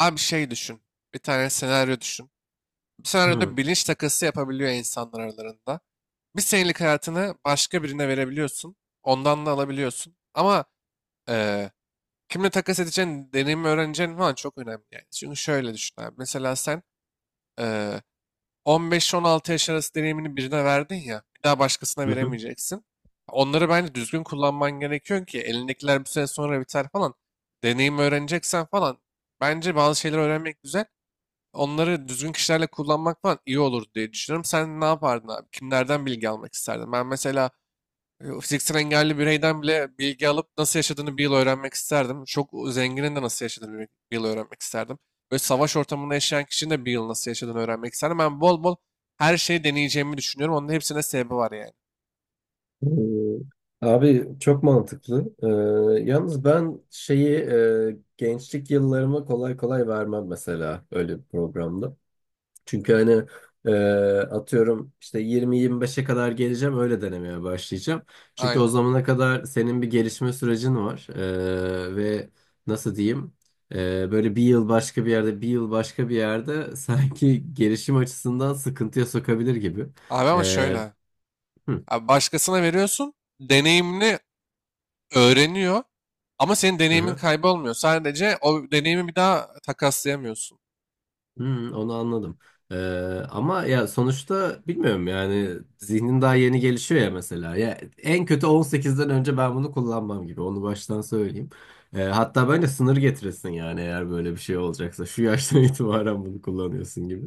Abi şey düşün. Bir tane senaryo düşün. Bu Hı, senaryoda bilinç takası yapabiliyor insanlar aralarında. Bir senelik hayatını başka birine verebiliyorsun. Ondan da alabiliyorsun. Ama eee, kimle takas edeceğin, deneyimi öğreneceğin falan çok önemli yani. Çünkü şöyle düşün abi. Mesela sen eee 15-16 yaş arası deneyimini birine verdin ya. Bir daha başkasına hı, hı. veremeyeceksin. Onları bence düzgün kullanman gerekiyor ki elindekiler bir süre sonra biter falan. Deneyimi öğreneceksen falan. Bence bazı şeyler öğrenmek güzel, onları düzgün kişilerle kullanmak falan iyi olur diye düşünüyorum. Sen ne yapardın abi? Kimlerden bilgi almak isterdin? Ben mesela fiziksel engelli bireyden bile bilgi alıp nasıl yaşadığını bir yıl öğrenmek isterdim. Çok zenginin de nasıl yaşadığını bir yıl öğrenmek isterdim. Böyle savaş ortamında yaşayan kişinin de bir yıl nasıl yaşadığını öğrenmek isterdim. Ben bol bol her şeyi deneyeceğimi düşünüyorum. Onun hepsine sebebi var yani. Abi çok mantıklı. Yalnız ben şeyi gençlik yıllarıma kolay kolay vermem mesela öyle bir programda. Çünkü hani e, atıyorum işte yirmi 25'e kadar geleceğim, öyle denemeye başlayacağım. Çünkü o Aynen. zamana kadar senin bir gelişme sürecin var. Ve nasıl diyeyim, böyle bir yıl başka bir yerde, bir yıl başka bir yerde sanki gelişim açısından sıkıntıya sokabilir gibi. Abi ama Ee, şöyle. hı, Abi başkasına veriyorsun. Deneyimini öğreniyor. Ama senin hı. deneyimin Hı. kaybolmuyor. Sadece o deneyimi bir daha takaslayamıyorsun. Hmm, onu anladım. Ee, Ama ya sonuçta bilmiyorum yani, zihnin daha yeni gelişiyor ya mesela. Ya en kötü 18'den önce ben bunu kullanmam gibi. Onu baştan söyleyeyim. Hatta bence sınır getirirsin yani, eğer böyle bir şey olacaksa. Şu yaştan itibaren bunu kullanıyorsun gibi.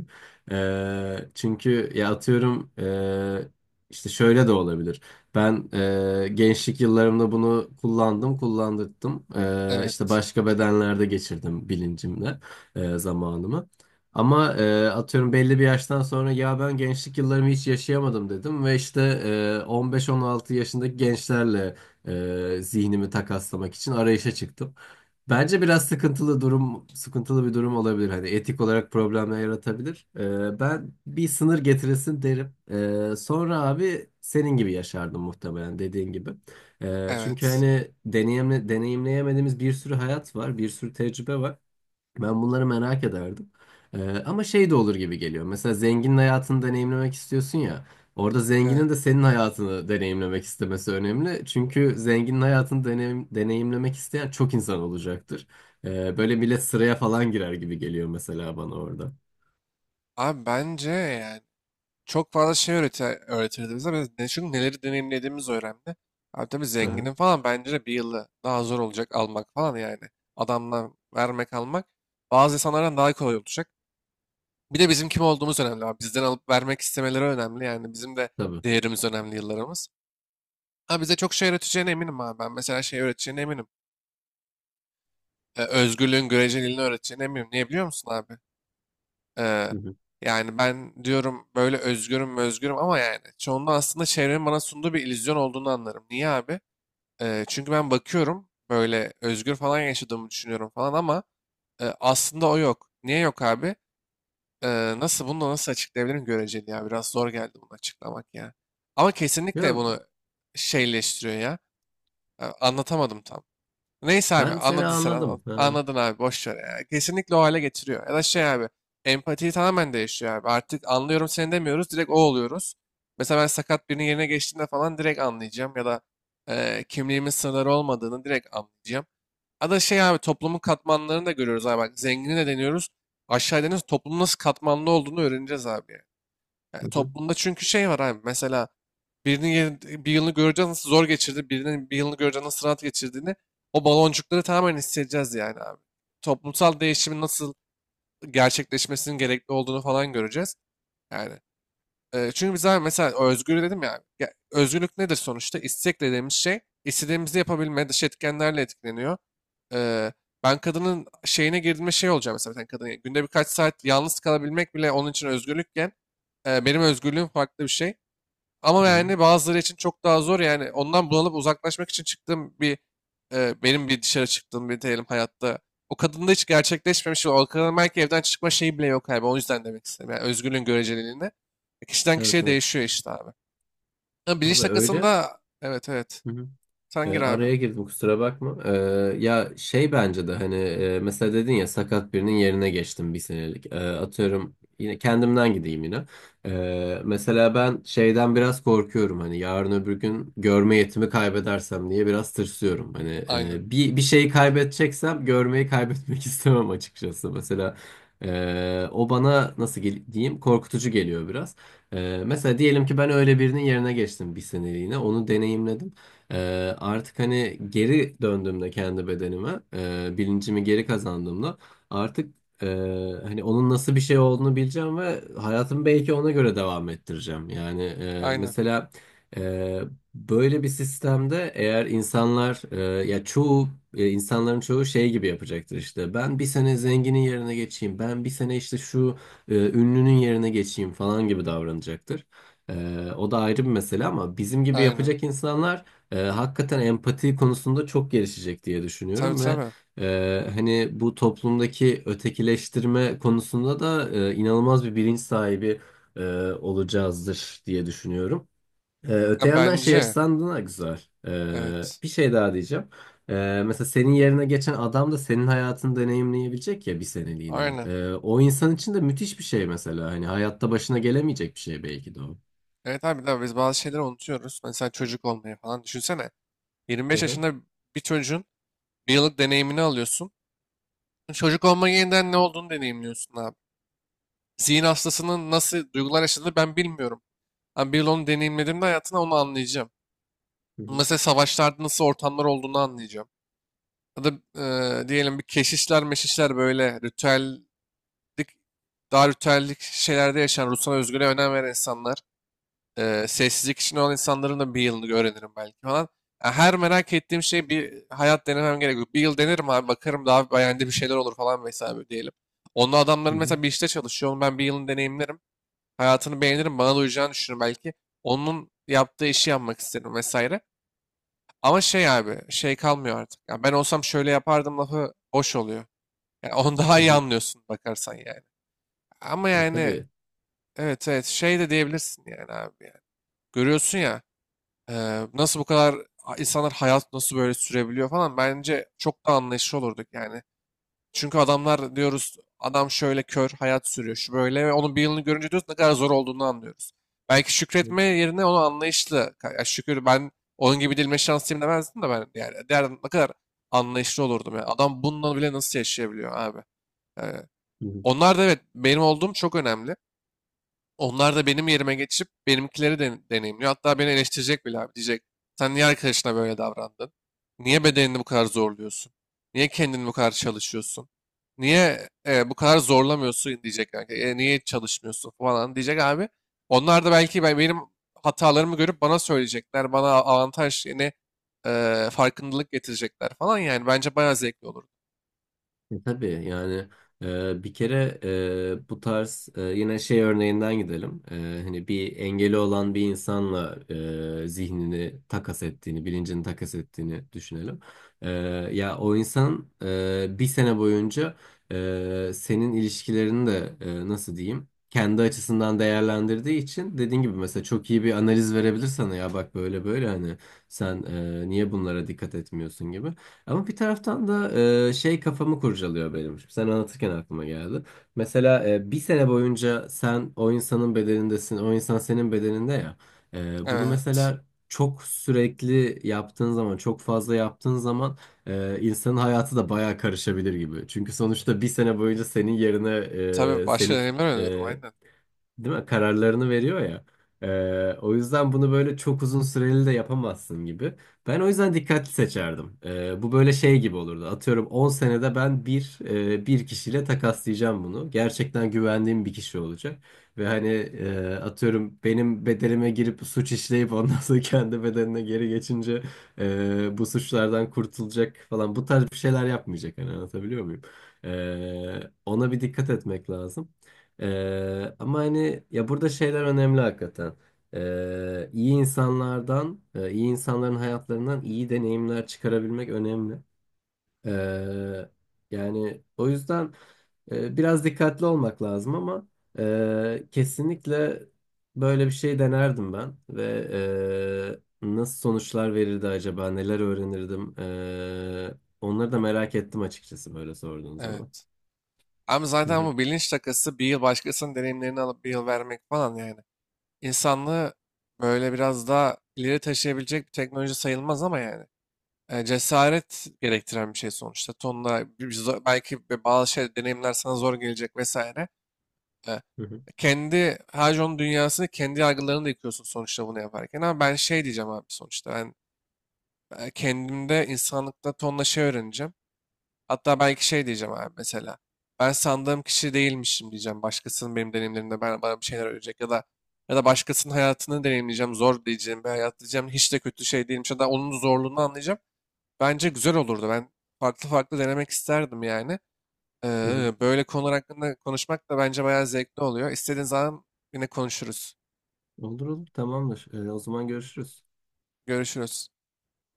Çünkü ya atıyorum, işte şöyle de olabilir. Ben gençlik yıllarımda bunu kullandım, kullandırdım. İşte Evet, başka bedenlerde geçirdim bilincimle zamanımı. Ama atıyorum belli bir yaştan sonra ya ben gençlik yıllarımı hiç yaşayamadım dedim ve işte 15-16 yaşındaki gençlerle zihnimi takaslamak için arayışa çıktım. Bence biraz sıkıntılı bir durum olabilir. Hani etik olarak problemler yaratabilir. Ben bir sınır getirilsin derim. Sonra abi senin gibi yaşardım muhtemelen, dediğin gibi. Çünkü evet, hani deneyimleyemediğimiz bir sürü hayat var, bir sürü tecrübe var. Ben bunları merak ederdim. Ama şey de olur gibi geliyor. Mesela zenginin hayatını deneyimlemek istiyorsun ya. Orada evet. zenginin de senin hayatını deneyimlemek istemesi önemli. Çünkü zenginin hayatını deneyimlemek isteyen çok insan olacaktır. Böyle millet sıraya falan girer gibi geliyor mesela bana orada. Abi bence yani çok fazla şey öğretir, öğretirdi bize. Biz ne, çünkü neleri deneyimlediğimiz önemli. Abi tabii Hı hı, zenginin falan bence de bir yılı daha zor olacak almak falan yani. Adamdan vermek almak bazı insanlardan daha kolay olacak. Bir de bizim kim olduğumuz önemli abi. Bizden alıp vermek istemeleri önemli. Yani bizim de tabii. değerimiz önemli, yıllarımız. Ha, bize çok şey öğreteceğine eminim abi. Ben mesela şey öğreteceğine eminim. Özgürlüğün göreceliliğini öğreteceğine eminim. Niye biliyor musun abi? Ee, Hı hı. Yani ben diyorum böyle özgürüm özgürüm ama yani çoğunda aslında çevrenin bana sunduğu bir illüzyon olduğunu anlarım. Niye abi? Çünkü ben bakıyorum böyle özgür falan yaşadığımı düşünüyorum falan ama aslında o yok. Niye yok abi? Nasıl bunu da nasıl açıklayabilirim, göreceli ya. Biraz zor geldi bunu açıklamak ya. Ama kesinlikle Ya, bunu şeyleştiriyor ya. Anlatamadım tam. Neyse abi, ben seni anladın sen, anladım. Ha. anladın abi, boş ver ya. Kesinlikle o hale getiriyor. Ya da şey abi, empatiyi tamamen değişiyor abi. Artık anlıyorum seni demiyoruz, direkt o oluyoruz. Mesela ben sakat birinin yerine geçtiğinde falan direkt anlayacağım ya da kimliğimin sınırları olmadığını direkt anlayacağım. Ya da şey abi, toplumun katmanlarını da görüyoruz abi, bak zengini de deniyoruz. Aşağı deniyoruz, toplumun nasıl katmanlı olduğunu öğreneceğiz abi. Yani Hı hı, toplumda çünkü şey var abi. Mesela birinin bir yılını göreceğiz nasıl zor geçirdi, birinin bir yılını göreceğiz nasıl rahat geçirdiğini, o baloncukları tamamen hissedeceğiz yani abi. Toplumsal değişimin nasıl gerçekleşmesinin gerekli olduğunu falan göreceğiz. Yani çünkü biz abi mesela özgür dedim ya, ya özgürlük nedir sonuçta? İstek dediğimiz şey, istediğimizi yapabilme, dış etkenlerle etkileniyor. Ee, Ben kadının şeyine girdiğimde şey olacağım mesela, bir tane kadın. Günde birkaç saat yalnız kalabilmek bile onun için özgürlükken benim özgürlüğüm farklı bir şey. Ama hı hı. yani bazıları için çok daha zor yani, ondan bunalıp uzaklaşmak için çıktığım bir benim bir dışarı çıktığım bir diyelim hayatta. O kadında hiç gerçekleşmemiş. O kadının belki evden çıkma şeyi bile yok abi. O yüzden demek istedim. Yani özgürlüğün göreceliliğinde. Kişiden Evet kişiye evet. değişiyor işte abi. Ha, bilinç Abi öyle. takasında evet evet. Hı hı. Sen gir abi. Araya girdim, kusura bakma. Ya şey, bence de hani mesela dedin ya, sakat birinin yerine geçtim bir senelik. Atıyorum yine kendimden gideyim yine. Mesela ben şeyden biraz korkuyorum, hani yarın öbür gün görme yetimi kaybedersem diye biraz tırsıyorum. Hani Aynen. Bir şeyi kaybedeceksem görmeyi kaybetmek istemem açıkçası. Mesela o bana nasıl diyeyim, korkutucu geliyor biraz. Mesela diyelim ki ben öyle birinin yerine geçtim bir seneliğine, onu deneyimledim. Artık hani geri döndüğümde kendi bedenime, bilincimi geri kazandığımda artık e, hani onun nasıl bir şey olduğunu bileceğim ve hayatımı belki ona göre devam ettireceğim. Yani Aynen. mesela e, böyle bir sistemde eğer insanlar ya çoğu, insanların çoğu şey gibi yapacaktır işte. Ben bir sene zenginin yerine geçeyim, ben bir sene işte şu ünlünün yerine geçeyim falan gibi davranacaktır. O da ayrı bir mesele ama bizim gibi Aynen. yapacak insanlar hakikaten empati konusunda çok gelişecek diye Tabii düşünüyorum ve tabii. Hani bu toplumdaki ötekileştirme konusunda da inanılmaz bir bilinç sahibi e, olacağızdır diye düşünüyorum. Ha, Öte yandan şey bence. açısından da güzel. Evet. Bir şey daha diyeceğim. Mesela senin yerine geçen adam da senin hayatını deneyimleyebilecek ya, bir seneliğine. Aynen. O insan için de müthiş bir şey mesela. Hani hayatta başına gelemeyecek bir şey belki de o. Evet abi, de biz bazı şeyleri unutuyoruz. Mesela çocuk olmayı falan. Düşünsene. Hı 25 hı, yaşında bir çocuğun bir yıllık deneyimini alıyorsun. Çocuk olma yeniden ne olduğunu deneyimliyorsun abi. Zihin hastasının nasıl duygular yaşadığını ben bilmiyorum. Ama bir yıl onu deneyimlediğimde hayatına onu anlayacağım. hı hı, Mesela savaşlarda nasıl ortamlar olduğunu anlayacağım. Ya da diyelim bir keşişler meşişler böyle ritüellik, daha ritüellik şeylerde yaşayan, ruhsal özgürlüğe önem veren insanlar. Sessizlik içinde olan insanların da bir yılını öğrenirim belki falan. Ya, her merak ettiğim şey bir hayat denemem gerekiyor. Bir yıl denerim abi, bakarım daha beğendiğim bir şeyler olur falan vesaire diyelim. Onunla hı adamların hı, mesela bir işte çalışıyor. Onu ben bir yılını deneyimlerim. Hayatını beğenirim. Bana da uyacağını düşünürüm belki. Onun yaptığı işi yapmak isterim vesaire. Ama şey abi, şey kalmıyor artık. Ya ben olsam şöyle yapardım lafı boş oluyor. Yani onu daha hı iyi hı. anlıyorsun bakarsan yani. Ama yani Tabii. evet evet şey de diyebilirsin yani abi yani. Görüyorsun ya. Nasıl bu kadar, insanlar hayat nasıl böyle sürebiliyor falan, bence çok da anlayışlı olurduk yani. Çünkü adamlar diyoruz, adam şöyle kör hayat sürüyor, şu böyle, ve onun bir yılını görünce diyoruz ne kadar zor olduğunu anlıyoruz. Belki Hı şükretme yerine onu anlayışlı ya, şükür ben onun gibi dilime şanslıyım demezdim de ben, yani derdim ne kadar anlayışlı olurdum ya. Adam bununla bile nasıl yaşayabiliyor abi. Eee, hı. Onlar da evet, benim olduğum çok önemli. Onlar da benim yerime geçip benimkileri de deneyimliyor. Hatta beni eleştirecek bile abi. Diyecek, sen niye arkadaşına böyle davrandın? Niye bedenini bu kadar zorluyorsun? Niye kendini bu kadar çalışıyorsun? Niye bu kadar zorlamıyorsun diyecek kanka. Niye çalışmıyorsun falan diyecek abi. Onlar da belki benim hatalarımı görüp bana söyleyecekler. Bana avantaj, yine farkındalık getirecekler falan. Yani bence bayağı zevkli olur. Tabii yani, bir kere, bu tarz, yine şey örneğinden gidelim. Hani bir engeli olan bir insanla zihnini takas ettiğini, bilincini takas ettiğini düşünelim. E, Ya o insan bir sene boyunca senin ilişkilerini de, nasıl diyeyim? Kendi açısından değerlendirdiği için dediğin gibi mesela çok iyi bir analiz verebilir sana, ya bak böyle böyle hani sen niye bunlara dikkat etmiyorsun gibi. Ama bir taraftan da şey kafamı kurcalıyor benim. Şimdi sen anlatırken aklıma geldi. Mesela bir sene boyunca sen o insanın bedenindesin, o insan senin bedeninde ya. Bunu Evet. mesela çok sürekli yaptığın zaman, çok fazla yaptığın zaman insanın hayatı da bayağı karışabilir gibi. Çünkü sonuçta bir sene boyunca senin yerine Tabii başka senin, deneyimler öneriyorum e, aynen. değil mi? Kararlarını veriyor ya. O yüzden bunu böyle çok uzun süreli de yapamazsın gibi. Ben o yüzden dikkatli seçerdim. Bu böyle şey gibi olurdu. Atıyorum 10 senede ben bir kişiyle takaslayacağım bunu. Gerçekten güvendiğim bir kişi olacak. Ve hani atıyorum benim bedelime girip suç işleyip ondan sonra kendi bedenine geri geçince bu suçlardan kurtulacak falan. Bu tarz bir şeyler yapmayacak. Hani anlatabiliyor muyum? Ona bir dikkat etmek lazım. Ama hani ya, burada şeyler önemli hakikaten. İyi insanların hayatlarından iyi deneyimler çıkarabilmek önemli. Ee, Yani o yüzden biraz dikkatli olmak lazım ama kesinlikle böyle bir şey denerdim ben ve nasıl sonuçlar verirdi acaba, neler öğrenirdim? Onları da merak ettim açıkçası böyle sorduğun zaman. Evet. Ama Hı zaten hı, bu bilinç takası bir yıl başkasının deneyimlerini alıp bir yıl vermek falan yani. İnsanlığı böyle biraz daha ileri taşıyabilecek bir teknoloji sayılmaz ama yani. Cesaret gerektiren bir şey sonuçta. Tonla belki bazı şey deneyimler sana zor gelecek vesaire. E, hı hı, Kendi Hajon dünyasını, kendi yargılarını da yıkıyorsun sonuçta bunu yaparken. Ama ben şey diyeceğim abi sonuçta. Ben kendimde, insanlıkta tonla şey öğreneceğim. Hatta belki şey diyeceğim abi mesela. Ben sandığım kişi değilmişim diyeceğim. Başkasının benim deneyimlerimde bana bir şeyler öğretecek, ya da başkasının hayatını deneyimleyeceğim. Zor diyeceğim bir hayat diyeceğim. Hiç de kötü şey değilmiş ya da onun zorluğunu anlayacağım. Bence güzel olurdu. Ben farklı farklı denemek isterdim yani. hı hı. Böyle konular hakkında konuşmak da bence bayağı zevkli oluyor. İstediğin zaman yine konuşuruz. Olur olur, tamamdır. O zaman görüşürüz. Görüşürüz.